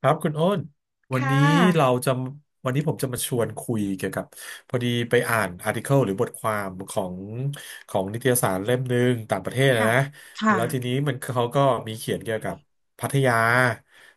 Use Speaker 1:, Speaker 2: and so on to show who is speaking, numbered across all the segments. Speaker 1: ครับคุณโอ้นวัน
Speaker 2: ค่
Speaker 1: นี้เรา
Speaker 2: ะ
Speaker 1: จะวันนี้ผมจะมาชวนคุยเกี่ยวกับพอดีไปอ่านอาร์ติเคิลหรือบทความของของนิตยสารเล่มหนึ่งต่างประเทศนะ
Speaker 2: ค่ะ
Speaker 1: นะ
Speaker 2: ค่ะ
Speaker 1: แล้วทีนี้มันเขาก็มีเขียนเกี่ยวกับพัทยา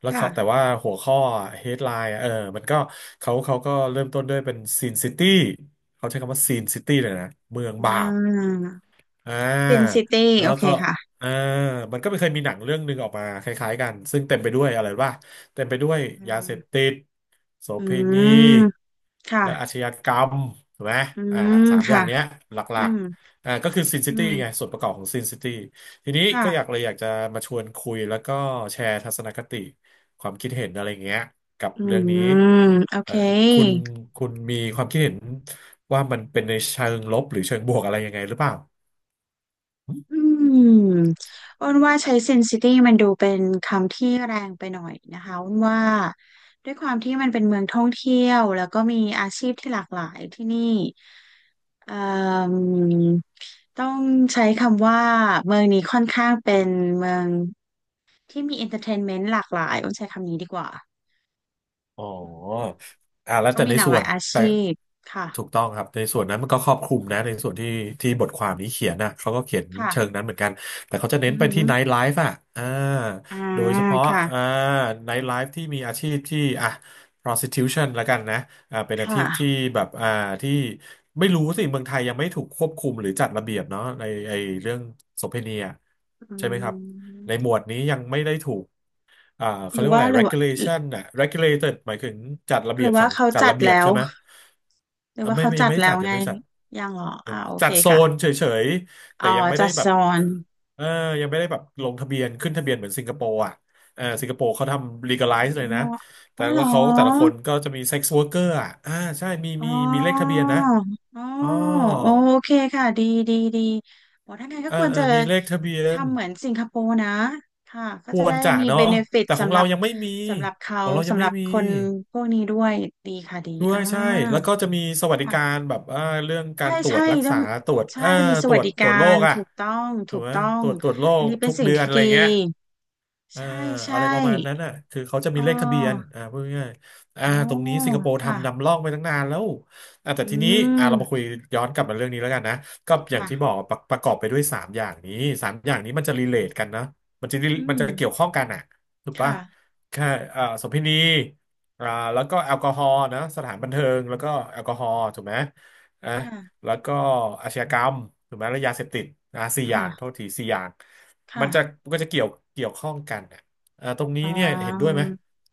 Speaker 1: แล้ว
Speaker 2: ค่ะ
Speaker 1: เขาแต่ว่าหัวข้อ headline อะมันก็เขาเขาก็เริ่มต้นด้วยเป็นซีนซิตี้เขาใช้คำว่าซีนซิตี้เลยนะเมือง
Speaker 2: อ่
Speaker 1: บาป
Speaker 2: า
Speaker 1: อ่
Speaker 2: ซิน
Speaker 1: า
Speaker 2: ซิตี้
Speaker 1: แล้
Speaker 2: โอ
Speaker 1: ว
Speaker 2: เค
Speaker 1: ก็
Speaker 2: ค่ะ
Speaker 1: อ่ามันก็ไม่เคยมีหนังเรื่องหนึ่งออกมาคล้ายๆกันซึ่งเต็มไปด้วยอะไรว่าเต็มไปด้วย
Speaker 2: อ
Speaker 1: ยาเสพ
Speaker 2: า
Speaker 1: ติดโส
Speaker 2: อื
Speaker 1: เภณี
Speaker 2: มค่ะ
Speaker 1: และอาชญากรรมถูกไหม
Speaker 2: อื
Speaker 1: อ่า
Speaker 2: ม
Speaker 1: สามอย่า
Speaker 2: ค่ะ
Speaker 1: งเนี้ยหล
Speaker 2: อื
Speaker 1: ัก
Speaker 2: ม
Speaker 1: ๆก็คือซินซิ
Speaker 2: อื
Speaker 1: ตี้ไง
Speaker 2: ม
Speaker 1: ส่วนประกอบของซินซิตี้ทีนี้ก็อยาก
Speaker 2: ค่ะ
Speaker 1: เลยอยากจะมาชวนคุยแล้วก็แชร์ทัศนคติความคิดเห็นอะไรเงี้ยกับ
Speaker 2: อื
Speaker 1: เรื่องนี้
Speaker 2: มโอเค
Speaker 1: เอ่อคุณคุณมีความคิดเห็นว่ามันเป็นในเชิงลบหรือเชิงบวกอะไรยังไงหรือเปล่า
Speaker 2: อืมอ้นว่าใช้ Sin-City มันดูเป็นคำที่แรงไปหน่อยนะคะอ้นว่าด้วยความที่มันเป็นเมืองท่องเที่ยวแล้วก็มีอาชีพที่หลากหลายที่นี่ อมต้องใช้คำว่าเมืองนี้ค่อนข้างเป็นเมืองที่มีเอนเตอร์เทนเมนต์หลากหลายต้องใช้คำนี้ดีกว่า
Speaker 1: อ๋อ
Speaker 2: แล้
Speaker 1: แล้
Speaker 2: ว
Speaker 1: ว
Speaker 2: ก็
Speaker 1: แต่
Speaker 2: มี
Speaker 1: ใน
Speaker 2: หลาก
Speaker 1: ส่
Speaker 2: ห
Speaker 1: ว
Speaker 2: ลาย
Speaker 1: น
Speaker 2: อา
Speaker 1: แต่
Speaker 2: ชีพค่ะ
Speaker 1: ถูกต้องครับในส่วนนั้นมันก็ครอบคลุมนะในส่วนที่ที่บทความนี้เขียนนะเขาก็เขียนเชิง
Speaker 2: ค่ะ
Speaker 1: นั้นเหมือนกันแต่เขาจะ
Speaker 2: อื
Speaker 1: เน้น
Speaker 2: อ
Speaker 1: ไป
Speaker 2: หือ
Speaker 1: ที่ไนท์ไลฟ์อ่ะอ่า
Speaker 2: อ่า
Speaker 1: โดยเฉพาะ
Speaker 2: ค่ะ
Speaker 1: อ่าไนท์ไลฟ์ที่มีอาชีพที่อ่ะ prostitution ละกันนะเป็นอาชี
Speaker 2: ค่ะ
Speaker 1: พที่แบบที่ไม่รู้สิเมืองไทยยังไม่ถูกควบคุมหรือจัดระเบียบเนาะในไอเรื่องโสเภณีอะ
Speaker 2: อื
Speaker 1: ใช่ไหมครับในหม
Speaker 2: ม
Speaker 1: วดนี้ยังไม่ได้ถูก
Speaker 2: ห
Speaker 1: เขา
Speaker 2: รื
Speaker 1: เรีย
Speaker 2: อ
Speaker 1: กว่า
Speaker 2: ว่า
Speaker 1: อะไร
Speaker 2: หรือว่า
Speaker 1: regulation น่ะ regulated หมายถึงจัดระ
Speaker 2: ห
Speaker 1: เบี
Speaker 2: รื
Speaker 1: ย
Speaker 2: อ
Speaker 1: บสั
Speaker 2: ว่า
Speaker 1: ง
Speaker 2: เขา
Speaker 1: จัด
Speaker 2: จัด
Speaker 1: ระเบียบ
Speaker 2: แล้ว
Speaker 1: ใช่ไหม
Speaker 2: หรือ
Speaker 1: อ่ะ
Speaker 2: ว่า
Speaker 1: ไม่
Speaker 2: เขา
Speaker 1: ไม่ยั
Speaker 2: จั
Speaker 1: ง
Speaker 2: ด
Speaker 1: ไม่ได้
Speaker 2: แล้
Speaker 1: จั
Speaker 2: ว
Speaker 1: ดยัง
Speaker 2: ไง
Speaker 1: ไม่ได้จัด
Speaker 2: ยังเหรอ
Speaker 1: ยั
Speaker 2: อ่า
Speaker 1: ง
Speaker 2: โอ
Speaker 1: จั
Speaker 2: เค
Speaker 1: ดโซน
Speaker 2: ค่ะ
Speaker 1: เฉยๆ
Speaker 2: อ๋
Speaker 1: แต่
Speaker 2: อ
Speaker 1: ยังไม่
Speaker 2: จั
Speaker 1: ได้
Speaker 2: ด
Speaker 1: แบ
Speaker 2: โซ
Speaker 1: บ
Speaker 2: น
Speaker 1: เออยังไม่ได้แบบลงทะเบียนขึ้นทะเบียนเหมือนสิงคโปร์อ่ะเออสิงคโปร์เขาทำ
Speaker 2: อ๋อ
Speaker 1: legalize เลยนะแต่
Speaker 2: ว่าเหร
Speaker 1: แล้
Speaker 2: อ
Speaker 1: วเขาแต่ละคนก็จะมี sex worker อ่ะใช่มี
Speaker 2: อ๋
Speaker 1: มี
Speaker 2: อ
Speaker 1: มีเลขทะเบียนนะ
Speaker 2: อ๋อ
Speaker 1: อ๋อ
Speaker 2: โอเคค่ะดีดีดีโอ้ถ้าไงนก็
Speaker 1: เออ
Speaker 2: ควร
Speaker 1: เออ
Speaker 2: จะ
Speaker 1: มีเลขทะเบียน
Speaker 2: ทำเหมือนสิงคโปร์นะค่ะ ก็
Speaker 1: ค
Speaker 2: จะ
Speaker 1: ว
Speaker 2: ได้
Speaker 1: รจะ
Speaker 2: มี
Speaker 1: เนาะ
Speaker 2: เบเนฟิต
Speaker 1: แต่ของ
Speaker 2: สำหรั
Speaker 1: เรา
Speaker 2: บ
Speaker 1: ยังไม่มี
Speaker 2: สำหรับเขา
Speaker 1: ของเรายัง
Speaker 2: สำห
Speaker 1: ไม่
Speaker 2: รับ
Speaker 1: มี
Speaker 2: คนพวกนี้ด้วยดีค่ะดี
Speaker 1: ด้ว
Speaker 2: อ่า
Speaker 1: ยใช่ แล้วก็จะมีสวัสดิการ
Speaker 2: ค่ะ
Speaker 1: แบบเรื่องกา
Speaker 2: ใช่
Speaker 1: รตรว
Speaker 2: ใช่
Speaker 1: จรัก
Speaker 2: ต้อ
Speaker 1: ษา
Speaker 2: ง
Speaker 1: ตรวจ
Speaker 2: ใช่จะมีส
Speaker 1: ตร
Speaker 2: วัส
Speaker 1: วจ
Speaker 2: ดิ
Speaker 1: ตร
Speaker 2: กา
Speaker 1: วจโร
Speaker 2: ร
Speaker 1: คอ่ะ
Speaker 2: ถูกต้อง
Speaker 1: ถู
Speaker 2: ถู
Speaker 1: ก
Speaker 2: ก
Speaker 1: ไหม
Speaker 2: ต้อง
Speaker 1: ตรวจโร
Speaker 2: อัน
Speaker 1: ค
Speaker 2: นี้เป็น
Speaker 1: ทุก
Speaker 2: สิ่ง
Speaker 1: เดือน
Speaker 2: ที่
Speaker 1: อะไร
Speaker 2: ดี
Speaker 1: เงี้ย อ่า
Speaker 2: ใช่ใช่
Speaker 1: อะไรประมาณนั้นอ่ะคือเขาจะ
Speaker 2: อ๋
Speaker 1: มีเลขทะเบียน
Speaker 2: อ
Speaker 1: พูดง่ายๆ
Speaker 2: โอ้
Speaker 1: ตรงนี้สิงคโปร์
Speaker 2: ค่ะ
Speaker 1: ทำนำร่องไปตั้งนานแล้วแต่
Speaker 2: อื
Speaker 1: ทีนี้เรามาคุ
Speaker 2: ม
Speaker 1: ยย้อนกลับมาเรื่องนี้แล้วกันนะก็อย่างที่บ
Speaker 2: ค่ะ
Speaker 1: อกประประกอบไปด้วยสามอย่างนี้สามอย่างนี้มันจะรีเลทกันนะมันจะ
Speaker 2: อื
Speaker 1: มัน
Speaker 2: ม
Speaker 1: จะเกี่ยวข้องกันอ่ะถูกปะ
Speaker 2: ค่ะ
Speaker 1: แค่โสมพินีอ่าแล้วก็แอลกอฮอล์นะสถานบันเทิงแล้วก็แอลกอฮอล์ถูกไหมอ่ะ
Speaker 2: ค่ะ
Speaker 1: แล้วก็อาชญากรรมถูกไหมแล้วยาเสพติดสี่อย่างโท
Speaker 2: ค่ะ
Speaker 1: ษทีสี่อย่าง
Speaker 2: ค่ะ
Speaker 1: มันก็จะเกี่ยวข้องกันอ่ะตรงนี้
Speaker 2: อ่
Speaker 1: เนี่ยเห็นด้วย
Speaker 2: า
Speaker 1: ไหม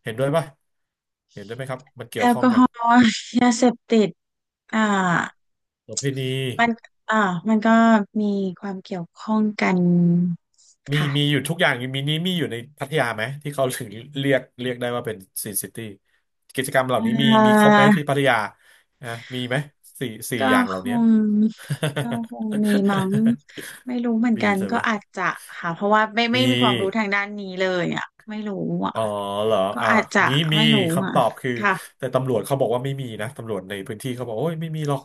Speaker 1: เห็นด้วยป่ะเห็นด้วยไหมครับมันเกี่
Speaker 2: แอ
Speaker 1: ยว
Speaker 2: ล
Speaker 1: ข้อ
Speaker 2: ก
Speaker 1: ง
Speaker 2: อฮ
Speaker 1: กัน
Speaker 2: อล์ยาเสพติดอ่า
Speaker 1: โสเภณี
Speaker 2: มันอ่ามันก็มีความเกี่ยวข้องกัน
Speaker 1: มีอ
Speaker 2: ค่ะ
Speaker 1: ยู่ทุกอย่าง มีนี้มีอยู่ในพัทยาไหมที่เขาถึงเรียกได้ว่าเป็นซีนซิตี้กิจกรรมเห
Speaker 2: อ
Speaker 1: ล่านี้มีค
Speaker 2: ่า
Speaker 1: รบไหมที่พัทยานะมีไหมสี่สี่
Speaker 2: ก็
Speaker 1: อย่างเห
Speaker 2: ค
Speaker 1: ล่านี้
Speaker 2: ง ก็คงมีมั้งไม่รู้เหมือน
Speaker 1: มี
Speaker 2: กัน
Speaker 1: ใช่
Speaker 2: ก็
Speaker 1: ไหม
Speaker 2: อาจจะค่ะ เพราะว่าไม่
Speaker 1: มี
Speaker 2: มีความรู้ทางด้านนี้เลยอ่ะไม่รู้อ่ะ
Speaker 1: อ๋อเหรอ
Speaker 2: ก็
Speaker 1: อ่ะ
Speaker 2: อาจจะ
Speaker 1: งี้มี
Speaker 2: ไม่รู้อ่ะ
Speaker 1: คำตอบคือ
Speaker 2: ค่ะ
Speaker 1: แต่ตำรวจเขาบอกว่าไม่มีนะตำรวจในพื้นที่เขาบอกโอ้ยไม่มีหรอก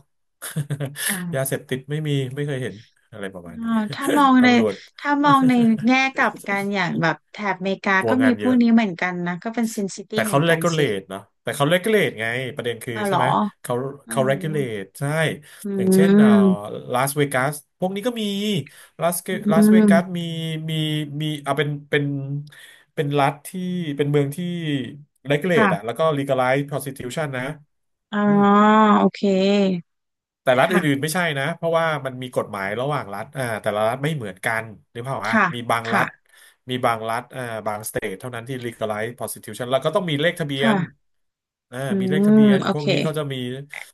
Speaker 2: อ
Speaker 1: ยาเส
Speaker 2: ่า
Speaker 1: พติดไม่มีไม่เคยเห็นอะไรประมาณ
Speaker 2: อ่า
Speaker 1: นี้
Speaker 2: ถ้ามอง ใน
Speaker 1: ตำรวจ
Speaker 2: ถ้ามองในแง่กลับกันอย่างแบบแถบอเมริกา
Speaker 1: กลัว
Speaker 2: ก็มี
Speaker 1: งาน
Speaker 2: พ
Speaker 1: เย
Speaker 2: วก
Speaker 1: อะ
Speaker 2: นี้เหมือนกันนะก็เป็นซินซิตี้
Speaker 1: แต่
Speaker 2: เหมือ
Speaker 1: เขา
Speaker 2: นกันสิ
Speaker 1: regulate เนาะแต่เขา regulate ไงประเด็นคือ
Speaker 2: อ้าวเหร
Speaker 1: ใช่
Speaker 2: อ
Speaker 1: ไหมเขา
Speaker 2: ไม่
Speaker 1: เขา
Speaker 2: รู้อะ
Speaker 1: regulate ใช่
Speaker 2: อื
Speaker 1: อย่างเช่น
Speaker 2: ม
Speaker 1: ลาสเวกัสพวกนี้ก็มีลาส
Speaker 2: อื
Speaker 1: ลาสเว
Speaker 2: ม
Speaker 1: กัสมีมีมีเอาเป็นเป็นรัฐที่เป็นเมืองที่ regulate อะ
Speaker 2: ค่ะ
Speaker 1: แล้วก็ legalize prostitution นะ
Speaker 2: อ๋อ
Speaker 1: อืม
Speaker 2: โอเค
Speaker 1: แต่รัฐอื่น
Speaker 2: ค่ะ
Speaker 1: ๆไม่ใช่นะเพราะว่ามันมีกฎหมายระหว่างรัฐอ่าแต่ละรัฐไม่เหมือนกันหรือเปล่าอ่ะ
Speaker 2: ค่ะ
Speaker 1: มีบางรัฐ
Speaker 2: ค่ะ
Speaker 1: มีบางรัฐบางสเตทเท่านั้นที่ legalize prostitution แล้วก็ต้องมีเลขทะเบียน
Speaker 2: ค่ะอื
Speaker 1: มีเลขทะ
Speaker 2: ม
Speaker 1: เบียน
Speaker 2: โอ
Speaker 1: พว
Speaker 2: เค
Speaker 1: กนี้เขาจะมี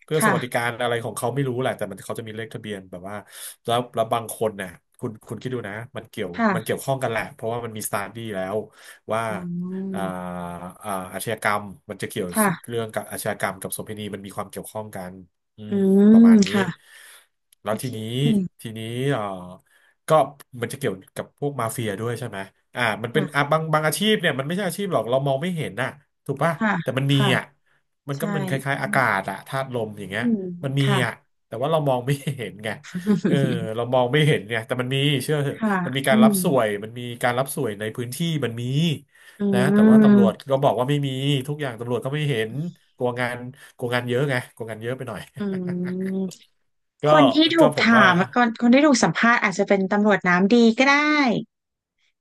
Speaker 1: เพื่อส
Speaker 2: ค่ะ
Speaker 1: วัสดิการอะไรของเขาไม่รู้แหละแต่มันเขาจะมีเลขทะเบียนแบบว่าแล้วบางคนเนี่ยคุณคิดดูนะมันเกี่ยวมันเกี่
Speaker 2: ค่ะ
Speaker 1: ยวข้องกันแหละเพราะว่ามันมีสตาร์ดี้แล้วว่า
Speaker 2: อื
Speaker 1: อ่า
Speaker 2: ม
Speaker 1: อาชญากรรมมันจะเกี่ยว
Speaker 2: ค่ะ
Speaker 1: เรื่องกับอาชญากรรมกับโสเภณีมันมีความเกี่ยวข้องกัน อื
Speaker 2: อื
Speaker 1: มป
Speaker 2: ม
Speaker 1: ระมาณนี้
Speaker 2: ค่ะ
Speaker 1: แล้
Speaker 2: โอ
Speaker 1: วที
Speaker 2: เค
Speaker 1: นี้ทีนี้เอ่อก็มันจะเกี่ยวกับพวกมาเฟียด้วยใช่ไหมมันเป็นอ่ะ
Speaker 2: ค่ะ
Speaker 1: บางอาชีพเนี่ยมันไม่ใช่อาชีพหรอกเรามองไม่เห็นน่ะถูกป่ะ
Speaker 2: ค่ะ
Speaker 1: แต่มันมี
Speaker 2: ค่ะ
Speaker 1: อ่ะมันก็
Speaker 2: ใช่
Speaker 1: เป็นคล้ายๆ
Speaker 2: อื
Speaker 1: อา
Speaker 2: ม
Speaker 1: กาศอะธาตุลมอย่างเงี้
Speaker 2: อื
Speaker 1: ย
Speaker 2: ม
Speaker 1: มันมี
Speaker 2: ค่ะ
Speaker 1: อ่ะแต่ว่าเรามองไม่เห็นไงเออ เรามองไม่เห็นเนี่ยแต่มันมีเชื่อเถอะ
Speaker 2: ค่ะ
Speaker 1: มันมี
Speaker 2: อื
Speaker 1: การรั
Speaker 2: ม
Speaker 1: บสวยมันมีการรับสวยในพื้นที่มันมี
Speaker 2: อื
Speaker 1: นะแต่ว่าตำรวจ
Speaker 2: ม
Speaker 1: ก็บอกว่าไม่มีทุกอย่างตำรวจก็ไม่เห็นกลัวงานกลัวงานเยอะไงกลัวงานเยอะไปหน่อย
Speaker 2: อืมค
Speaker 1: ก็
Speaker 2: นที่ถู
Speaker 1: ก็
Speaker 2: ก
Speaker 1: ผม
Speaker 2: ถา
Speaker 1: ว่า
Speaker 2: มคนคนที่ถูกสัมภาษณ์อาจจะเป็นตำรวจน้ำดีก็ได้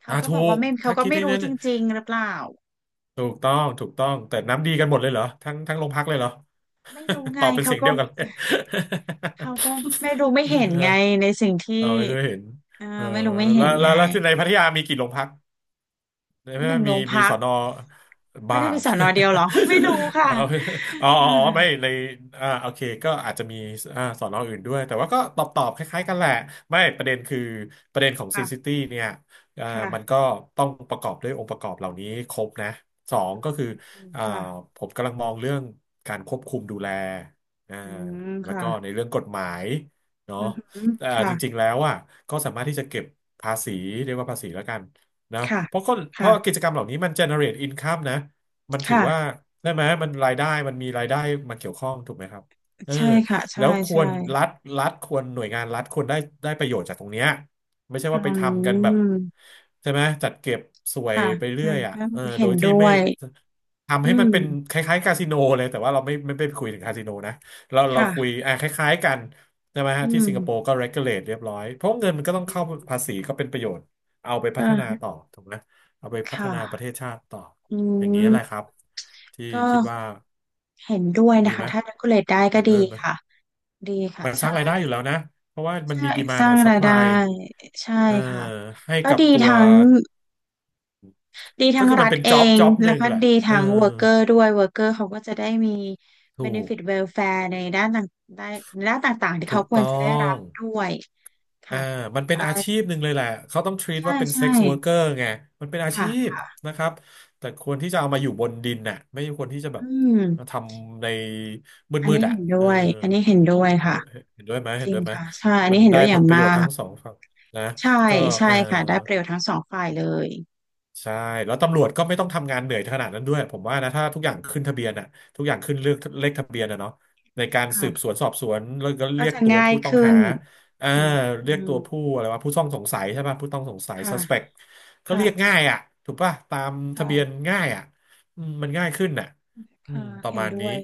Speaker 2: เขา
Speaker 1: อ่ะ
Speaker 2: ก็
Speaker 1: ถู
Speaker 2: บอกว่า
Speaker 1: ก
Speaker 2: ไม่เขา
Speaker 1: ถ้า
Speaker 2: ก็
Speaker 1: คิด
Speaker 2: ไม่
Speaker 1: ให้
Speaker 2: รู้
Speaker 1: นั้น
Speaker 2: จริงๆหรือเปล่า
Speaker 1: ถูกต้องถูกต้องแต่น้ำดีกันหมดเลยเหรอทั้งโรงพักเลยเหรอ
Speaker 2: ไม่รู้ ไง
Speaker 1: ตอบเป็น
Speaker 2: เขา
Speaker 1: เสียง
Speaker 2: ก็
Speaker 1: เดียวกัน
Speaker 2: เขาก็ไม่รู้ไม่
Speaker 1: เลย
Speaker 2: เห็ นไงในสิ่ง
Speaker 1: เออ
Speaker 2: ที่
Speaker 1: เอาให้ด้วยเห็น
Speaker 2: เอ่อ
Speaker 1: เออ
Speaker 2: ไม่รู้ไม่
Speaker 1: แล้
Speaker 2: เห็
Speaker 1: ว
Speaker 2: นไง
Speaker 1: แล้วแล้วในพัทยามีกี่โรงพัก ใน
Speaker 2: ห
Speaker 1: เมื่อ
Speaker 2: นึ่งโร
Speaker 1: มี
Speaker 2: ง
Speaker 1: มี
Speaker 2: พั
Speaker 1: ส
Speaker 2: ก
Speaker 1: อนอ
Speaker 2: ไม่
Speaker 1: บ้า
Speaker 2: ได้มีสอนอเดียวเหรอ ไม่รู้ ค่ะ
Speaker 1: เอาอ๋อ
Speaker 2: อื
Speaker 1: อ๋ออ๋อไม่
Speaker 2: ม
Speaker 1: ในโอเคก็อาจจะมีสอนออื่นด้วยแต่ว่าก็ตอบคล้ายๆกันแหละไม่ประเด็นคือประเด็นของซีซิ
Speaker 2: ค่ะ
Speaker 1: ตี้เนี่ยอ่ามัน
Speaker 2: ค่ะ
Speaker 1: ก็ต้องประกอบด้วยองค์ประกอบเหล่านี้ครบนะสองก็คือ
Speaker 2: อืม
Speaker 1: อ่า
Speaker 2: ค่ะ
Speaker 1: ผมกำลังมองเรื่องการควบคุมดูแลอ่า
Speaker 2: อืม
Speaker 1: แล้ว
Speaker 2: ค่ะ
Speaker 1: ก็ในเรื่องกฎหมายเนาะ
Speaker 2: อืม
Speaker 1: แต่
Speaker 2: ค่ะ
Speaker 1: จริงๆแล้วอ่ะก็สามารถที่จะเก็บภาษีเรียกว่าภาษีแล้วกัน นะ
Speaker 2: ค่ะ
Speaker 1: เพราะกิ
Speaker 2: ค่ะ
Speaker 1: จกรรมเหล่านี้มัน generate income นะมันถือ
Speaker 2: ค่ะ
Speaker 1: ว่าได้ไหมมันรายได้มันมีรายได้มาเกี่ยวข้องถูกไหมครับเออ
Speaker 2: ใช่ค่ะใช่
Speaker 1: แล้วคว
Speaker 2: ใช่
Speaker 1: รรัฐรัฐควรหน่วยงานรัฐควรได้ได้ประโยชน์จากตรงเนี้ยไม่ใช่
Speaker 2: อ
Speaker 1: ว่าไป
Speaker 2: ื
Speaker 1: ทำกันแบบ
Speaker 2: ม
Speaker 1: ใช่ไหมจัดเก็บสวย
Speaker 2: ค่ะ
Speaker 1: ไปเรื่
Speaker 2: ใช่
Speaker 1: อยอ่ะ
Speaker 2: ก็
Speaker 1: เออ
Speaker 2: เห็
Speaker 1: โด
Speaker 2: น
Speaker 1: ยที่
Speaker 2: ด้ว
Speaker 1: ไม่
Speaker 2: ย
Speaker 1: ทำ
Speaker 2: อื
Speaker 1: ให้มัน
Speaker 2: ม
Speaker 1: เป็นคล้ายๆคาสิโนเลยแต่ว่าเราไม่ไปคุยถึงคาสิโนนะเราคุย
Speaker 2: ค่ะ
Speaker 1: อ่ะคล้ายๆกันใช่ไหม
Speaker 2: อื
Speaker 1: ฮะที่สิงคโปร์
Speaker 2: ม
Speaker 1: ก็ regulate เรียบร้อยเพราะเงินมันก็ต้องเข้าภาษีก็เป็นประโยชน์ เอาไป
Speaker 2: ก
Speaker 1: พัฒนา
Speaker 2: ็
Speaker 1: ต่อถูกไหมเอาไปพัฒ
Speaker 2: ค่ะ
Speaker 1: นาประเทศชาติต่อ
Speaker 2: อื
Speaker 1: อย่างนี้ยแหละครับ
Speaker 2: ม
Speaker 1: ที่
Speaker 2: ก็
Speaker 1: คิดว่า
Speaker 2: เห็นด้วย
Speaker 1: ดี
Speaker 2: นะคะ
Speaker 1: ไหม
Speaker 2: ถ้า regulate ได้ก็
Speaker 1: เห็น
Speaker 2: ดี
Speaker 1: ด้วยไหม
Speaker 2: ค่ะดีค่ะ
Speaker 1: มันสร้า
Speaker 2: ใช่
Speaker 1: งรายได้อยู่แล้วนะเพราะว่ามัน
Speaker 2: ใช่
Speaker 1: มีดีมา
Speaker 2: สร้า
Speaker 1: เนี่
Speaker 2: ง
Speaker 1: ยซัพ
Speaker 2: ราย
Speaker 1: พ
Speaker 2: ได้
Speaker 1: ลาย
Speaker 2: ใช่
Speaker 1: เอ่อ
Speaker 2: ค่ะ
Speaker 1: ให้
Speaker 2: ก็
Speaker 1: กับ
Speaker 2: ดี
Speaker 1: ตัว
Speaker 2: ทั้งดี
Speaker 1: ก็
Speaker 2: ทั้ง
Speaker 1: คือ
Speaker 2: รั
Speaker 1: มัน
Speaker 2: ฐ
Speaker 1: เป็น
Speaker 2: เอ
Speaker 1: จ็อบ
Speaker 2: ง
Speaker 1: จ็อบห
Speaker 2: แล้ว
Speaker 1: นึ่ง
Speaker 2: ก็
Speaker 1: แหละ
Speaker 2: ดี
Speaker 1: เออ
Speaker 2: ทั้ง worker ด้วย worker เขาก็จะได้มี
Speaker 1: ถูก
Speaker 2: benefit welfare ในด้านต่างได้ในด้านต่างๆที่
Speaker 1: ถู
Speaker 2: เขา
Speaker 1: ก
Speaker 2: ควร
Speaker 1: ต้อ
Speaker 2: จะได้รั
Speaker 1: ง
Speaker 2: บด้วย
Speaker 1: อ่า
Speaker 2: ค่ะ
Speaker 1: มั
Speaker 2: ถื
Speaker 1: น
Speaker 2: อ
Speaker 1: เป็น
Speaker 2: ว่า
Speaker 1: อาชีพหนึ่งเลยแหละเขาต้อง treat
Speaker 2: ใช่
Speaker 1: ว่าเป็น
Speaker 2: ใช่
Speaker 1: sex worker ไงมันเป็นอาชีพ
Speaker 2: ค่ะ
Speaker 1: นะครับแต่ควรที่จะเอามาอยู่บนดินน่ะไม่ควรที่จะแบ
Speaker 2: อื
Speaker 1: บมาท
Speaker 2: ม
Speaker 1: ำใน
Speaker 2: อัน
Speaker 1: มื
Speaker 2: นี้
Speaker 1: ดๆอ่ะ
Speaker 2: เห็นด้
Speaker 1: เออ
Speaker 2: วยอันนี้เห็นด้วย
Speaker 1: เห็นด้
Speaker 2: ค่ะ
Speaker 1: วยเห็นด้วยไหม
Speaker 2: จ
Speaker 1: เห็น
Speaker 2: ริง
Speaker 1: ด้วยไหม
Speaker 2: ค่ะใช่อัน
Speaker 1: มั
Speaker 2: นี้
Speaker 1: น
Speaker 2: เห็น
Speaker 1: ได้
Speaker 2: ด้วยอ
Speaker 1: ผ
Speaker 2: ย่าง
Speaker 1: ลประ
Speaker 2: มา
Speaker 1: โยชน์ทั้
Speaker 2: ก
Speaker 1: งสองฝั่งนะ
Speaker 2: ใช่
Speaker 1: ก็
Speaker 2: ใช่
Speaker 1: เออ
Speaker 2: ค่ะได้ประโยชน์ทั้งสองฝ่ายเลย
Speaker 1: ใช่แล้วตำรวจก็ไม่ต้องทำงานเหนื่อยขนาดนั้นด้วยผมว่านะถ้าทุกอย่างขึ้นทะเบียนอะทุกอย่างขึ้นเรือกเลขทะเบียนอะเนาะในการสืบสวน
Speaker 2: ค่ะ
Speaker 1: สอบสวนแล้วก็
Speaker 2: ก็
Speaker 1: เรียก
Speaker 2: จะ
Speaker 1: ตัว
Speaker 2: ง่าย
Speaker 1: ผู้ต้อง
Speaker 2: ขึ้
Speaker 1: หา
Speaker 2: น
Speaker 1: อ่า
Speaker 2: อื
Speaker 1: เรียกตั
Speaker 2: ม
Speaker 1: วผู้อะไรวะผู้ต้องสงสัยใช่ป่ะผู้ต้องสงสัย
Speaker 2: ค่ะ
Speaker 1: suspect ก็
Speaker 2: ค่ะ
Speaker 1: เรียกง่ายอะถูกป่ะตามทะ
Speaker 2: ค่ะ
Speaker 1: เบียนง่ายอะอืมมันง่ายขึ้นอ่ะ
Speaker 2: ค่ะ
Speaker 1: ประ
Speaker 2: เห็น
Speaker 1: มาณ
Speaker 2: ด้
Speaker 1: นี้
Speaker 2: วย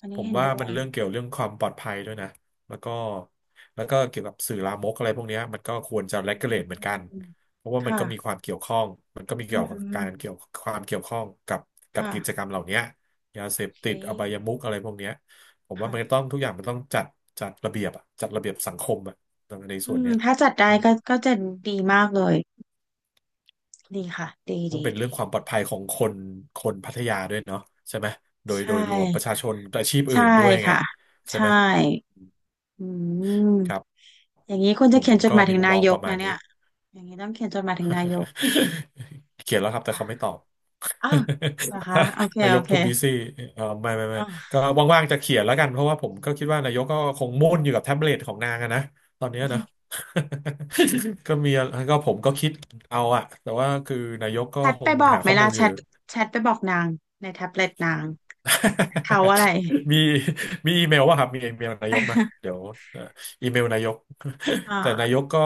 Speaker 2: อัน
Speaker 1: ผ
Speaker 2: นี้
Speaker 1: ม
Speaker 2: เห็น
Speaker 1: ว่า
Speaker 2: ด้ว
Speaker 1: มัน
Speaker 2: ย
Speaker 1: เรื่องเกี่ยวเรื่องความปลอดภัยด้วยนะแล้วก็เกี่ยวกับสื่อลามกอะไรพวกเนี้ยมันก็ควรจะ
Speaker 2: อื
Speaker 1: regulate เหมือนกัน
Speaker 2: ม
Speaker 1: เพราะว่ามัน
Speaker 2: ค่ะ
Speaker 1: ก็มีความเกี่ยวข้อง มันก็มี
Speaker 2: อื
Speaker 1: เกี่ย
Speaker 2: อ
Speaker 1: วกั
Speaker 2: หื
Speaker 1: บ
Speaker 2: อ
Speaker 1: การเกี่ยวความเกี่ยวข้องกับ
Speaker 2: ค่ะ
Speaker 1: กิจกรรมเหล่านี้ยาเส
Speaker 2: โอ
Speaker 1: พ
Speaker 2: เค
Speaker 1: ติดอบายมุขอะไรพวกเนี้ยผมว่ามันต้
Speaker 2: ค่ะ
Speaker 1: องทุกอย่างมันต้องจัดจัดระเบียบอะจัดระเบียบสังคมอะใน
Speaker 2: อื
Speaker 1: ส่วน
Speaker 2: ม
Speaker 1: เนี้ย
Speaker 2: ถ้าจัดได้
Speaker 1: อืม
Speaker 2: ก็ก็จะดีมากเลย ดีค่ะดี
Speaker 1: มัน
Speaker 2: ดี
Speaker 1: เป็นเรื่อ
Speaker 2: ดี
Speaker 1: งความปลอดภัยของคนคนพัทยาด้วยเนาะใช่ไหมโดยโด
Speaker 2: ใช่
Speaker 1: ยรวมประชา
Speaker 2: ค่ะ
Speaker 1: ชนอาชีพอื่
Speaker 2: ใช่
Speaker 1: นด้วยไง
Speaker 2: ค่ะ
Speaker 1: ใช่
Speaker 2: ใช่
Speaker 1: ไหม
Speaker 2: อืม
Speaker 1: ครับ
Speaker 2: อย่างนี้คุณ
Speaker 1: ผ
Speaker 2: จะ
Speaker 1: ม
Speaker 2: เขี
Speaker 1: ผ
Speaker 2: ยน
Speaker 1: ม
Speaker 2: จด
Speaker 1: ก็
Speaker 2: หมาย
Speaker 1: มี
Speaker 2: ถึง
Speaker 1: มุม
Speaker 2: นา
Speaker 1: มอง
Speaker 2: ย
Speaker 1: ป
Speaker 2: ก
Speaker 1: ระมา
Speaker 2: นะ
Speaker 1: ณ
Speaker 2: เนี่
Speaker 1: นี้
Speaker 2: ย อย่างนี้ต้องเขียนจดหมายถึงนายก
Speaker 1: เขียนแล้วครับแต่เขาไม่
Speaker 2: อ่ะ
Speaker 1: ตอบ
Speaker 2: อ้าวเหรอ คะโอเค
Speaker 1: นาย
Speaker 2: โอ
Speaker 1: ก
Speaker 2: เค
Speaker 1: too busy เออไม่
Speaker 2: อ่า
Speaker 1: ก็
Speaker 2: ว
Speaker 1: ว่างๆจะเขียนแล้วกันเพราะว่าผมก็คิดว่านายกก็คงมุ่นอยู่กับแท็บเล็ตของนางอะนะตอนเนี้ยนะ ก็มีผมก็คิดเอาอะแต่ว่าคือนายกก็
Speaker 2: แชท
Speaker 1: ค
Speaker 2: ไป
Speaker 1: ง
Speaker 2: บอก
Speaker 1: หา
Speaker 2: ไหม
Speaker 1: ข้อมู
Speaker 2: ล่ะ
Speaker 1: ล
Speaker 2: แช
Speaker 1: อยู่
Speaker 2: ทแชทไปบอกนางในแท็บเล็ตนางเขาอะไร
Speaker 1: มีมีอีเมลว่าครับมีอีเมลนายกมาเดี๋ย วเอ่ออีเมลนายก
Speaker 2: อ
Speaker 1: แต่นาย
Speaker 2: ่า
Speaker 1: กก็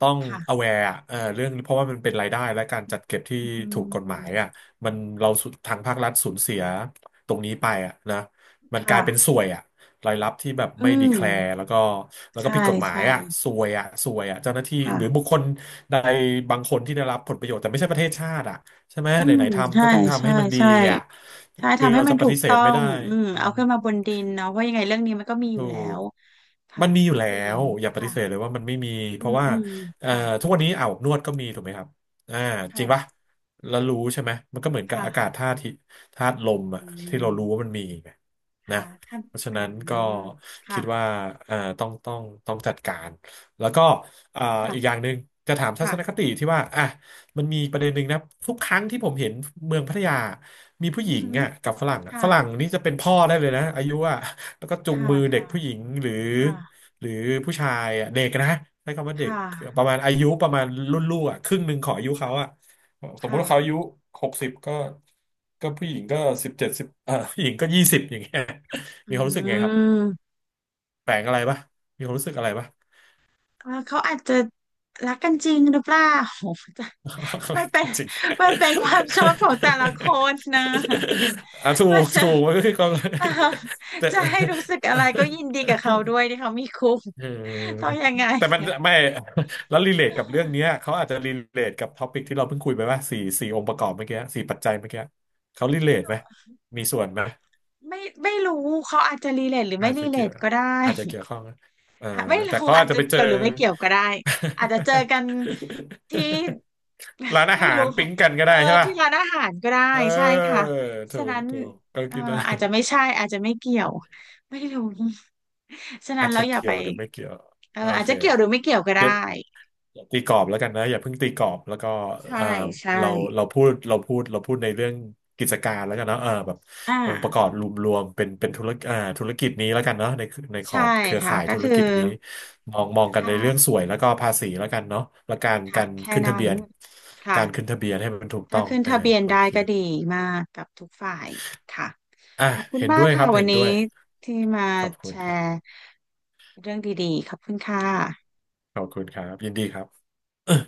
Speaker 1: ต้อง
Speaker 2: ค่ะ
Speaker 1: aware อะเอ่อเรื่องเพราะว่ามันเป็นรายได้และการจัดเก็บที่
Speaker 2: อื
Speaker 1: ถูกกฎหมาย
Speaker 2: ม
Speaker 1: อ่ะมันเราสุทางภาครัฐสูญเสียตรงนี้ไปอ่ะนะมันกลายเป็น
Speaker 2: ค่ะ
Speaker 1: ส่วยอ่ะรายรับที่แบบ
Speaker 2: อื
Speaker 1: ไม่ดี
Speaker 2: ม
Speaker 1: แคลร์แล้วก็แล้วก็
Speaker 2: ใช่
Speaker 1: ผิดกฎหมาย
Speaker 2: ใช่
Speaker 1: อ่ะส่วยอ่ะส่วยอ่ะเจ้าหน้าที่หรือบุ
Speaker 2: ค่ะ
Speaker 1: คคลใดบางคนที่ได้รับผลประโยชน์แต่ไม่ใช่ประเทศชาติอ่ะ ใช่ไหม
Speaker 2: อื
Speaker 1: ไห
Speaker 2: ม
Speaker 1: นๆทำ
Speaker 2: ใช่
Speaker 1: ก็ต้องทำ
Speaker 2: ใช่
Speaker 1: ให้มันดี
Speaker 2: ใช่
Speaker 1: อ่ะ
Speaker 2: ใช่
Speaker 1: คือ
Speaker 2: ทำให้
Speaker 1: เรา
Speaker 2: มั
Speaker 1: จะ
Speaker 2: น
Speaker 1: ป
Speaker 2: ถู
Speaker 1: ฏิ
Speaker 2: ก
Speaker 1: เส
Speaker 2: ต้
Speaker 1: ธ
Speaker 2: อ
Speaker 1: ไม่
Speaker 2: ง
Speaker 1: ได้
Speaker 2: อืม
Speaker 1: อื
Speaker 2: เอา
Speaker 1: ม
Speaker 2: ขึ้นมาบนดินเนาะเพราะยังไงเรื่องนี้มันก็มีอ
Speaker 1: ถู
Speaker 2: ยู่แล้
Speaker 1: ก
Speaker 2: วค่ะ
Speaker 1: มันมีอยู่
Speaker 2: ก็
Speaker 1: แล้
Speaker 2: ดี
Speaker 1: วอย่าปฏิ
Speaker 2: ค่ะ
Speaker 1: เสธเลยว่ามันไม่มี
Speaker 2: อื
Speaker 1: เพราะ
Speaker 2: ม
Speaker 1: ว่า
Speaker 2: อืม
Speaker 1: เอ่อ
Speaker 2: ค่ะ
Speaker 1: ทุกวันนี้อาบอบนวดก็มีถูกไหมครับอ่าจ
Speaker 2: ค่ะ
Speaker 1: ริงปะแล้วรู้ใช่ไหมมันก็เหมือนกับอากาศ
Speaker 2: ค่ะ
Speaker 1: ธาตุที่ธาตุล
Speaker 2: อื
Speaker 1: มอะที่เรา
Speaker 2: ม
Speaker 1: รู้ว่ามันมีไงนะ
Speaker 2: ค่ะท่าน
Speaker 1: เพราะฉะ
Speaker 2: อื
Speaker 1: นั้นก็
Speaker 2: ม
Speaker 1: คิ
Speaker 2: ค่ะ
Speaker 1: ดว่าเอ่อต้องต้องต้องจัดการแล้วก็อ่าอีกอ
Speaker 2: ค่ะ
Speaker 1: ย่างหนึ่งจะถามทัศนค
Speaker 2: ค่ะ
Speaker 1: ติที่ว่าอ่ะมันมีประเด็นหนึ่งนะทุกครั้งที่ผมเห็นเมืองพัทยามีผู้ห
Speaker 2: อื
Speaker 1: ญิ
Speaker 2: อ
Speaker 1: ง
Speaker 2: หือ
Speaker 1: อ่ะกับฝรั่งอะฝ
Speaker 2: ค่ะ
Speaker 1: รั่งนี่จะเป็นพ่อได้เลยนะอายุอ่ะ แล้วก็จูง
Speaker 2: ค่ะ
Speaker 1: มือเด็
Speaker 2: ค่ะ
Speaker 1: กผู้หญิงหรือ
Speaker 2: ค่ะ
Speaker 1: หรือผู้ชายอ่ะเด็กนะใช้คำว่าเด็
Speaker 2: ค่
Speaker 1: กป
Speaker 2: ะ
Speaker 1: ระมาณอายุประมาณรุ่นลูกอ่ะครึ่งหนึ่งของอายุเขาอ่ะสมมุติว่าเขาอา
Speaker 2: ค่ะ
Speaker 1: ยุ60ก็ก็ผู้หญิงก็17สิบเอ่อผู้หญิงก็20อย่างเงี้ย
Speaker 2: อื
Speaker 1: มีความรู้สึกไงครับ
Speaker 2: ม
Speaker 1: แปลงอะไรปะมีความรู้สึกอะไรปะ
Speaker 2: แล้วเขาอาจจะรักกันจริงหรือเปล่า โหจะ
Speaker 1: แปล
Speaker 2: มัน
Speaker 1: ก
Speaker 2: เป็น
Speaker 1: จริง
Speaker 2: มันเป็นค วามชอบของแต่ละคนนะ
Speaker 1: อ่ะ ถู
Speaker 2: มัน
Speaker 1: ก
Speaker 2: จะ
Speaker 1: ถูกมันก็คือความ
Speaker 2: เอ่อ
Speaker 1: แต่
Speaker 2: จะให้รู้สึกอะไรก็ยินดีกับเขาด้วยที่เขามีคู่
Speaker 1: เ
Speaker 2: เขา
Speaker 1: ออ
Speaker 2: ยังไง
Speaker 1: แต่มันไม่ แล้วรีเลทกับเรื่องเนี้ย เขาอาจจะรีเลทกับท็อปิกที่เราเพิ่งคุยไปว่าสี่องค์ประกอบเมื่อกี้สี่ปัจจัยเมื่อกี้เขารีเลทไหมมีส่วนไหม
Speaker 2: ไม่ไม่รู้เขาอาจจะรีเลทหรือ
Speaker 1: อา
Speaker 2: ไม่
Speaker 1: จ
Speaker 2: รี
Speaker 1: จะ
Speaker 2: เล
Speaker 1: เกี่ยว
Speaker 2: ทก็ได้
Speaker 1: อาจจะเกี่ยวข้องนะเออ
Speaker 2: อ่ะไม่รู้
Speaker 1: แต่เขา
Speaker 2: อา
Speaker 1: อาจ
Speaker 2: จ
Speaker 1: จะ
Speaker 2: จะ
Speaker 1: ไปเจ
Speaker 2: เกี่ย
Speaker 1: อ
Speaker 2: วหรือไม่เกี่ยวก็ได้อาจจะเจอกันที่
Speaker 1: ร้าน อา
Speaker 2: ไม่
Speaker 1: หาร
Speaker 2: รู้ค่ะ
Speaker 1: ปิ๊งกันก็
Speaker 2: เอ
Speaker 1: ได้
Speaker 2: อ
Speaker 1: ใช่ป่ะ
Speaker 2: ที่ร้านอาหารก็ได้
Speaker 1: เ
Speaker 2: ใช่
Speaker 1: ออ
Speaker 2: ค่ะ
Speaker 1: ถู
Speaker 2: ฉะ
Speaker 1: ก
Speaker 2: นั้น
Speaker 1: ถูกก็
Speaker 2: เออ
Speaker 1: คิดได้
Speaker 2: อาจจะไม่ใช่อาจจะไม่เกี่ยวไม่รู้ ฉะนั้
Speaker 1: อา
Speaker 2: น
Speaker 1: จ
Speaker 2: เรา
Speaker 1: จะ
Speaker 2: อย่า
Speaker 1: เกี่
Speaker 2: ไป
Speaker 1: ยวหรือไม่เกี่ยว
Speaker 2: เอ
Speaker 1: โอ
Speaker 2: ออาจ
Speaker 1: เค
Speaker 2: จะเกี่ยวหรือไม่เกี่ยวก็ได้
Speaker 1: อย่าตีกรอบแล้วกันนะอย่าเพิ่งตีกรอบแล้วก็
Speaker 2: ใช่
Speaker 1: เอ่อ
Speaker 2: ใช่
Speaker 1: เราเราพูดเราพูดเราพูดในเรื่องกิจการแล้วกันเนาะเออแบบ
Speaker 2: อ่า
Speaker 1: องค์ประกอบรวมๆเป็นธุรกิจอ่าธุรกิจนี้แล้วกันเนาะในข
Speaker 2: ใช่
Speaker 1: อบเครือ
Speaker 2: ค่ะ
Speaker 1: ข่าย
Speaker 2: ก็
Speaker 1: ธุร
Speaker 2: คือ
Speaker 1: กิจนี้มองกันใน
Speaker 2: ค่ะ
Speaker 1: เรื่องสวยแล้วก็ภาษีแล้วกันเนาะและการ
Speaker 2: ค่ะ
Speaker 1: การ
Speaker 2: แค่
Speaker 1: ขึ้นทะ
Speaker 2: นั้
Speaker 1: เบี
Speaker 2: น
Speaker 1: ยน
Speaker 2: ค่ะ
Speaker 1: การขึ้นทะเบียนให้มันถูก
Speaker 2: ถ้า
Speaker 1: ต้อง
Speaker 2: ขึ้น
Speaker 1: เออ
Speaker 2: ทะเบียน
Speaker 1: โอ
Speaker 2: ได้
Speaker 1: เค
Speaker 2: ก็ดีมากกับทุกฝ่ายค่ะ
Speaker 1: อ่ะ
Speaker 2: ขอบคุณ
Speaker 1: เห็น
Speaker 2: มา
Speaker 1: ด้
Speaker 2: ก
Speaker 1: วยค
Speaker 2: ค่ะ
Speaker 1: รับ
Speaker 2: วัน
Speaker 1: เห็น
Speaker 2: นี้
Speaker 1: ด้วย
Speaker 2: ที่มา
Speaker 1: ขอบคุ
Speaker 2: แช
Speaker 1: ณครับ
Speaker 2: ร์เรื่องดีๆขอบคุณค่ะ
Speaker 1: ขอบคุณครับยินดีครับ